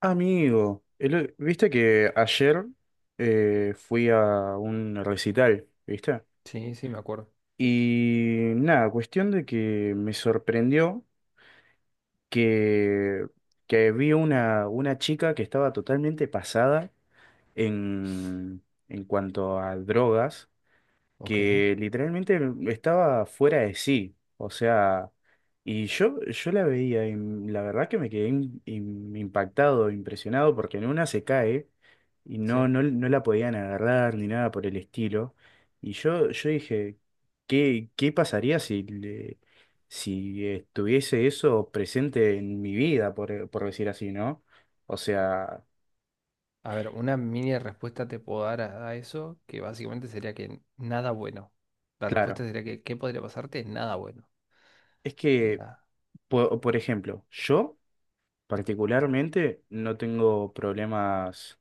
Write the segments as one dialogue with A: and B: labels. A: Amigo, viste que ayer fui a un recital, ¿viste?
B: Sí, sí, me acuerdo.
A: Y nada, cuestión de que me sorprendió que, que vi una chica que estaba totalmente pasada en cuanto a drogas.
B: Ok.
A: Que literalmente estaba fuera de sí. O sea, y yo la veía y la verdad que me quedé impactado, impresionado, porque en una se cae y no,
B: Sí.
A: no, no la podían agarrar ni nada por el estilo. Y yo dije, ¿qué pasaría si estuviese eso presente en mi vida, por decir así, ¿no? O sea,
B: A ver, una mini respuesta te puedo dar a eso, que básicamente sería que nada bueno. La
A: claro,
B: respuesta sería que ¿qué podría pasarte? Nada bueno.
A: es que,
B: La...
A: por ejemplo, yo... Particularmente no tengo problemas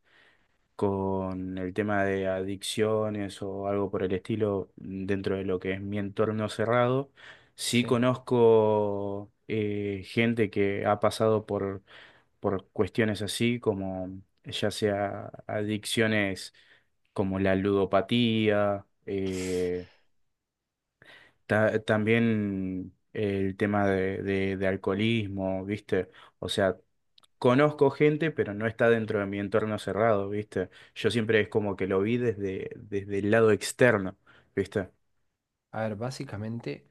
A: con el tema de adicciones o algo por el estilo dentro de lo que es mi entorno cerrado. Sí
B: Sí.
A: conozco gente que ha pasado por cuestiones así, como ya sea adicciones como la ludopatía, también el tema de alcoholismo, ¿viste? O sea, conozco gente, pero no está dentro de mi entorno cerrado, ¿viste? Yo siempre es como que lo vi desde el lado externo, ¿viste?
B: A ver, básicamente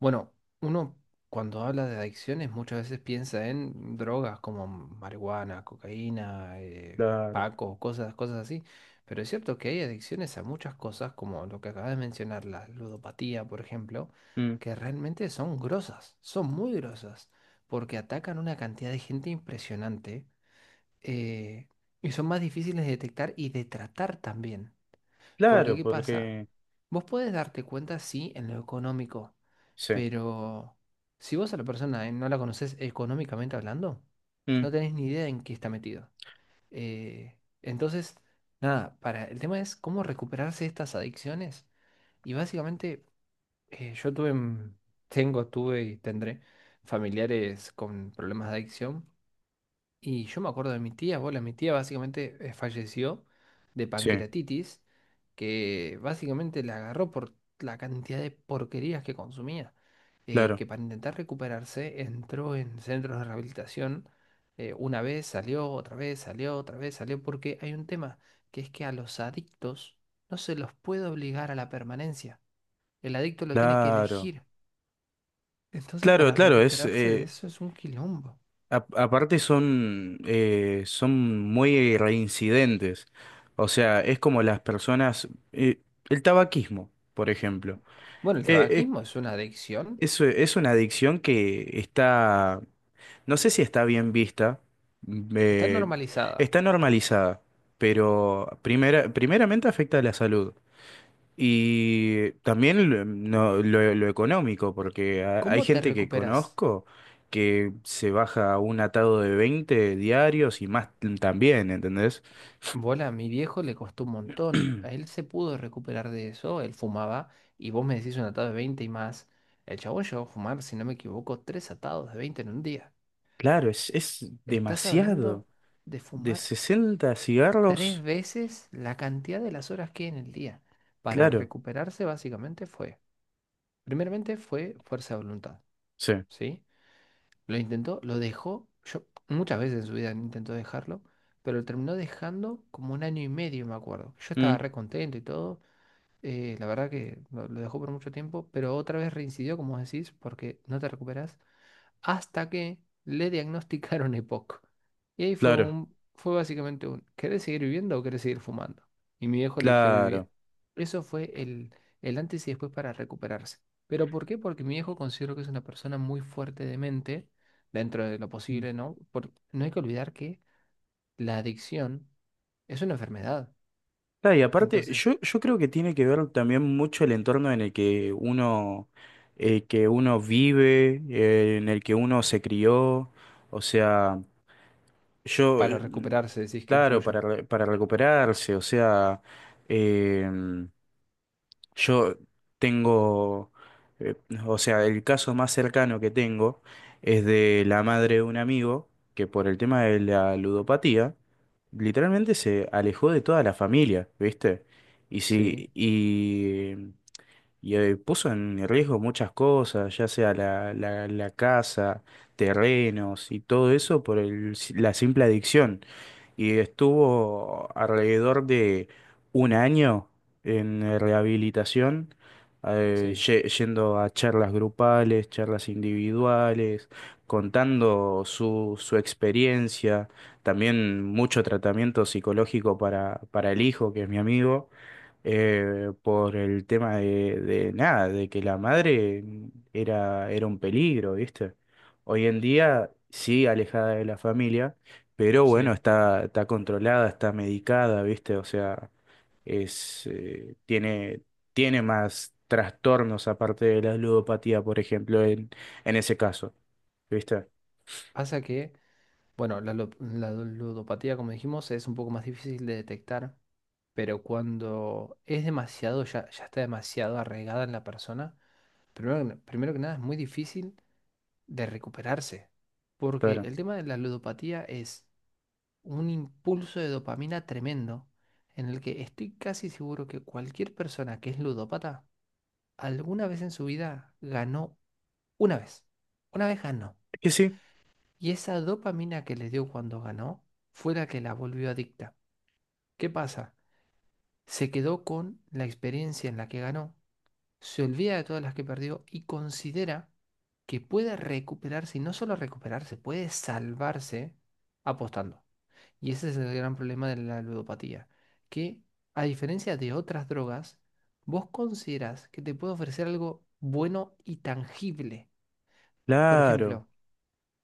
B: bueno, uno cuando habla de adicciones muchas veces piensa en drogas como marihuana, cocaína,
A: Claro.
B: paco, cosas así. Pero es cierto que hay adicciones a muchas cosas, como lo que acabas de mencionar, la ludopatía, por ejemplo,
A: Mm,
B: que realmente son grosas, son muy grosas, porque atacan una cantidad de gente impresionante eh, y son más difíciles de detectar y de tratar también. Porque,
A: claro,
B: ¿qué pasa?
A: porque...
B: Vos podés darte cuenta, sí, en lo económico.
A: Sí.
B: Pero si vos a la persona no la conocés económicamente hablando, no
A: Mm,
B: tenés ni idea en qué está metido. Entonces, nada, para el tema es cómo recuperarse de estas adicciones. Y básicamente, yo tuve, tengo, tuve y tendré familiares con problemas de adicción. Y yo me acuerdo de mi tía, bola, mi tía básicamente falleció de
A: sí,
B: pancreatitis, que básicamente la agarró por la cantidad de porquerías que consumía,
A: claro,
B: que para intentar recuperarse entró en centros de rehabilitación, una vez salió, otra vez salió, otra vez salió, porque hay un tema, que es que a los adictos no se los puede obligar a la permanencia, el adicto lo tiene que
A: claro.
B: elegir, entonces
A: Claro,
B: para
A: claro, es...
B: recuperarse de
A: eh,
B: eso es un quilombo.
A: a- aparte son, son muy reincidentes. O sea, es como las personas... el tabaquismo, por ejemplo.
B: Bueno, el
A: Eh, eh,
B: tabaquismo es una adicción.
A: es una adicción que está... No sé si está bien vista, mm,
B: Está
A: eh,
B: normalizada.
A: está normalizada, pero primeramente afecta a la salud y también lo, mm, no- lo económico, porque hay
B: ¿Cómo te
A: gente que
B: recuperas?
A: conozco que se baja un atado de 20 diarios y más también, ¿entendés?
B: Bola, a mi viejo le costó un montón. A él se pudo recuperar de eso, él fumaba, y vos me decís un atado de 20 y más. El chabón llegó a fumar, si no me equivoco, tres atados de 20 en un día.
A: Claro, es
B: Estás
A: demasiado.
B: hablando de
A: De
B: fumar
A: 60
B: tres
A: cigarros,
B: veces la cantidad de las horas que hay en el día. Para
A: claro,
B: recuperarse básicamente fue, primeramente fue fuerza de voluntad,
A: sí.
B: ¿sí? Lo intentó, lo dejó. Yo muchas veces en su vida intentó dejarlo, pero lo terminó dejando como un año y medio, me acuerdo. Yo
A: Mm,
B: estaba re contento y todo. La verdad que lo dejó por mucho tiempo, pero otra vez reincidió, como vos decís, porque no te recuperas hasta que le diagnosticaron EPOC. Y ahí fue
A: claro,
B: un, fue básicamente un, ¿querés seguir viviendo o querés seguir fumando? Y mi viejo eligió
A: claro.
B: vivir. Eso fue el antes y después para recuperarse. ¿Pero por qué? Porque mi viejo considero que es una persona muy fuerte de mente, dentro de lo posible, ¿no? Por- no hay que olvidar que la adicción es una enfermedad.
A: Claro, y aparte,
B: Entonces,
A: yo creo que tiene que ver también mucho el entorno en el que uno vive, en el que uno se crió. O sea, yo,
B: para recuperarse decís que
A: claro,
B: influye.
A: para recuperarse, o sea, em, yo tengo, eh, o sea, el caso más cercano que tengo es de la madre de un amigo que por el tema de la ludopatía, literalmente se alejó de toda la familia, ¿viste? Y
B: Sí.
A: sí, y puso en riesgo muchas cosas, ya sea la casa, terrenos y todo eso por la simple adicción y estuvo alrededor de un año en rehabilitación, eh,
B: Sí,
A: ye- yendo a charlas grupales, charlas individuales, contando su experiencia, también mucho tratamiento psicológico para el hijo, que es mi amigo por el tema de nada, de que la madre era un peligro, ¿viste? Hoy en día, sí, alejada de la familia, pero bueno,
B: sí.
A: está controlada, está medicada, ¿viste? O sea, es, eh, tiene, tiene más trastornos aparte de la ludopatía, por ejemplo, en ese caso. ¿Viste?
B: Pasa que bueno, la, lu- la ludopatía, como dijimos, es un poco más difícil de detectar, pero cuando es demasiado, ya está demasiado arraigada en la persona, primero que nada es muy difícil de recuperarse, porque
A: Claro.
B: el tema de la ludopatía es un impulso de dopamina tremendo, en el que estoy casi seguro que cualquier persona que es ludópata alguna vez en su vida ganó una vez, una vez ganó,
A: Es que sí,
B: y esa dopamina que le dio cuando ganó fue la que la volvió adicta. ¿Qué pasa? Se quedó con la experiencia en la que ganó, se olvida de todas las que perdió y considera que puede recuperarse y no solo recuperarse, puede salvarse apostando. Y ese es el gran problema de la ludopatía, que a diferencia de otras drogas, vos consideras que te puede ofrecer algo bueno y tangible. Por
A: claro,
B: ejemplo,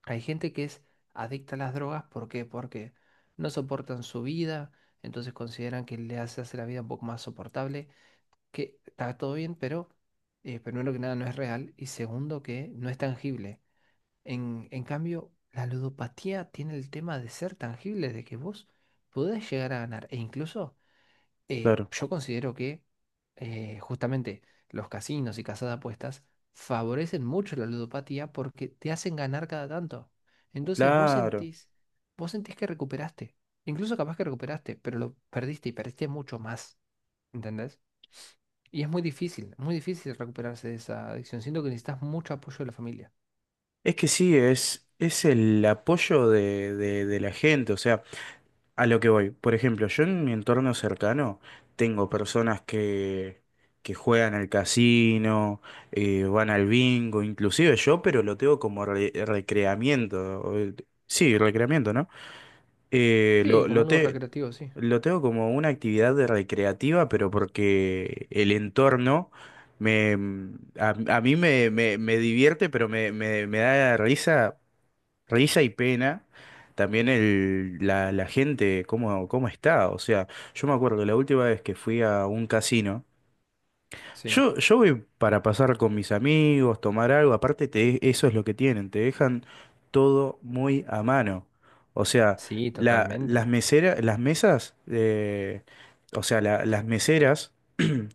B: hay gente que es adicta a las drogas, ¿por qué? Porque no soportan su vida, entonces consideran que le hace, hace la vida un poco más soportable, que está todo bien, pero primero que nada no es real y segundo que no es tangible. En cambio, la ludopatía tiene el tema de ser tangible, de que vos podés llegar a ganar e incluso
A: claro,
B: yo considero que justamente los casinos y casas de apuestas favorecen mucho la ludopatía porque te hacen ganar cada tanto. Entonces vos
A: claro.
B: sentís, vos sentís que recuperaste. Incluso capaz que recuperaste, pero lo perdiste y perdiste mucho más. ¿Entendés? Y es muy difícil recuperarse de esa adicción. Siento que necesitas mucho apoyo de la familia.
A: Es que sí, es el apoyo de la gente. O sea, a lo que voy, por ejemplo, yo en mi entorno cercano tengo personas que juegan al casino, van al bingo, inclusive yo, pero lo tengo como recreamiento. Sí, recreamiento, ¿no? Eh,
B: Sí,
A: lo,
B: como
A: lo,
B: algo
A: te-
B: recreativo, sí.
A: lo tengo como una actividad de recreativa, pero porque el entorno me, a mí me divierte, pero me da risa. Risa y pena. También la gente, cómo está. O sea, yo me acuerdo la última vez que fui a un casino.
B: Sí,
A: Yo voy para pasar con mis amigos, tomar algo. Aparte, eso es lo que tienen. Te dejan todo muy a mano. O sea,
B: sí,
A: las
B: totalmente.
A: meseras, las mesas, o sea, las meseras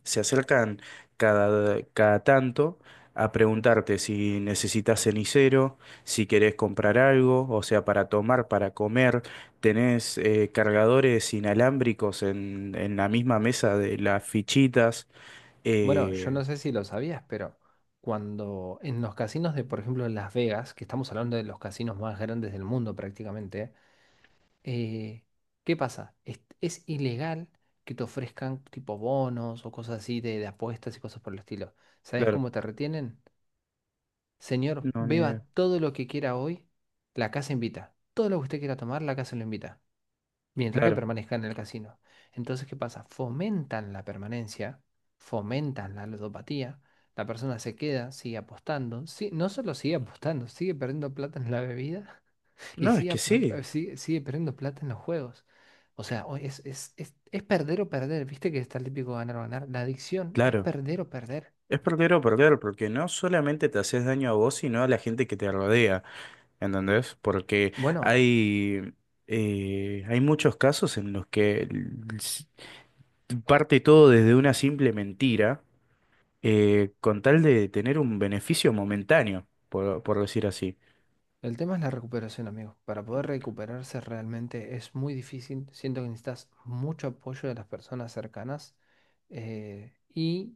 A: se acercan cada tanto a preguntarte si necesitas cenicero, si querés comprar algo, o sea, para tomar, para comer. Tenés cargadores inalámbricos en la misma mesa de las fichitas.
B: Bueno, yo
A: Eh,
B: no sé si lo sabías, pero cuando en los casinos de, por ejemplo, en Las Vegas, que estamos hablando de los casinos más grandes del mundo prácticamente, eh, ¿qué pasa? Es ilegal que te ofrezcan tipo bonos o cosas así de apuestas y cosas por el estilo. ¿Sabes
A: claro,
B: cómo te retienen? Señor,
A: no, ni idea.
B: beba todo lo que quiera hoy, la casa invita. Todo lo que usted quiera tomar, la casa lo invita mientras que
A: Claro.
B: permanezcan en el casino. Entonces, ¿qué pasa? Fomentan la permanencia, fomentan la ludopatía, la persona se queda, sigue apostando, sí, no solo sigue apostando, sigue perdiendo plata en la bebida y
A: No, es
B: sigue,
A: que sí,
B: sigue, sigue perdiendo plata en los juegos. O sea, es perder o perder, viste que está el típico ganar o ganar. La adicción es
A: claro.
B: perder o perder.
A: Es perder o perder, porque no solamente te haces daño a vos, sino a la gente que te rodea. ¿Entendés? Porque
B: Bueno.
A: hay, hay muchos casos en los que s- parte todo desde una simple mentira, con tal de tener un beneficio momentáneo, por decir así.
B: El tema es la recuperación, amigo. Para poder recuperarse realmente es muy difícil. Siento que necesitas mucho apoyo de las personas cercanas y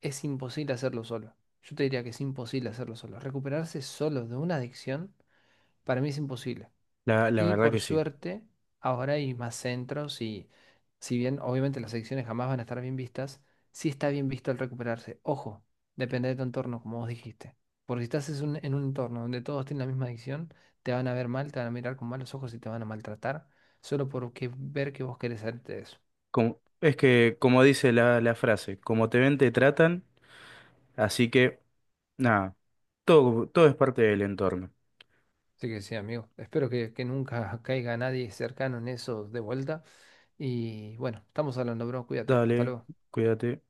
B: es imposible hacerlo solo. Yo te diría que es imposible hacerlo solo. Recuperarse solo de una adicción, para mí es imposible.
A: La
B: Y
A: verdad
B: por
A: que sí.
B: suerte, ahora hay más centros y si bien obviamente las adicciones jamás van a estar bien vistas, sí está bien visto el recuperarse. Ojo, depende de tu entorno, como vos dijiste. Porque si estás en un entorno donde todos tienen la misma adicción, te van a ver mal, te van a mirar con malos ojos y te van a maltratar solo porque ver que vos querés hacerte eso.
A: Es que, como dice la frase, como te ven, te tratan, así que, nada, todo es parte del entorno.
B: Así que sí, amigo. Espero que nunca caiga nadie cercano en eso de vuelta. Y bueno, estamos hablando, bro. Cuídate. Hasta
A: Dale,
B: luego.
A: cuídate.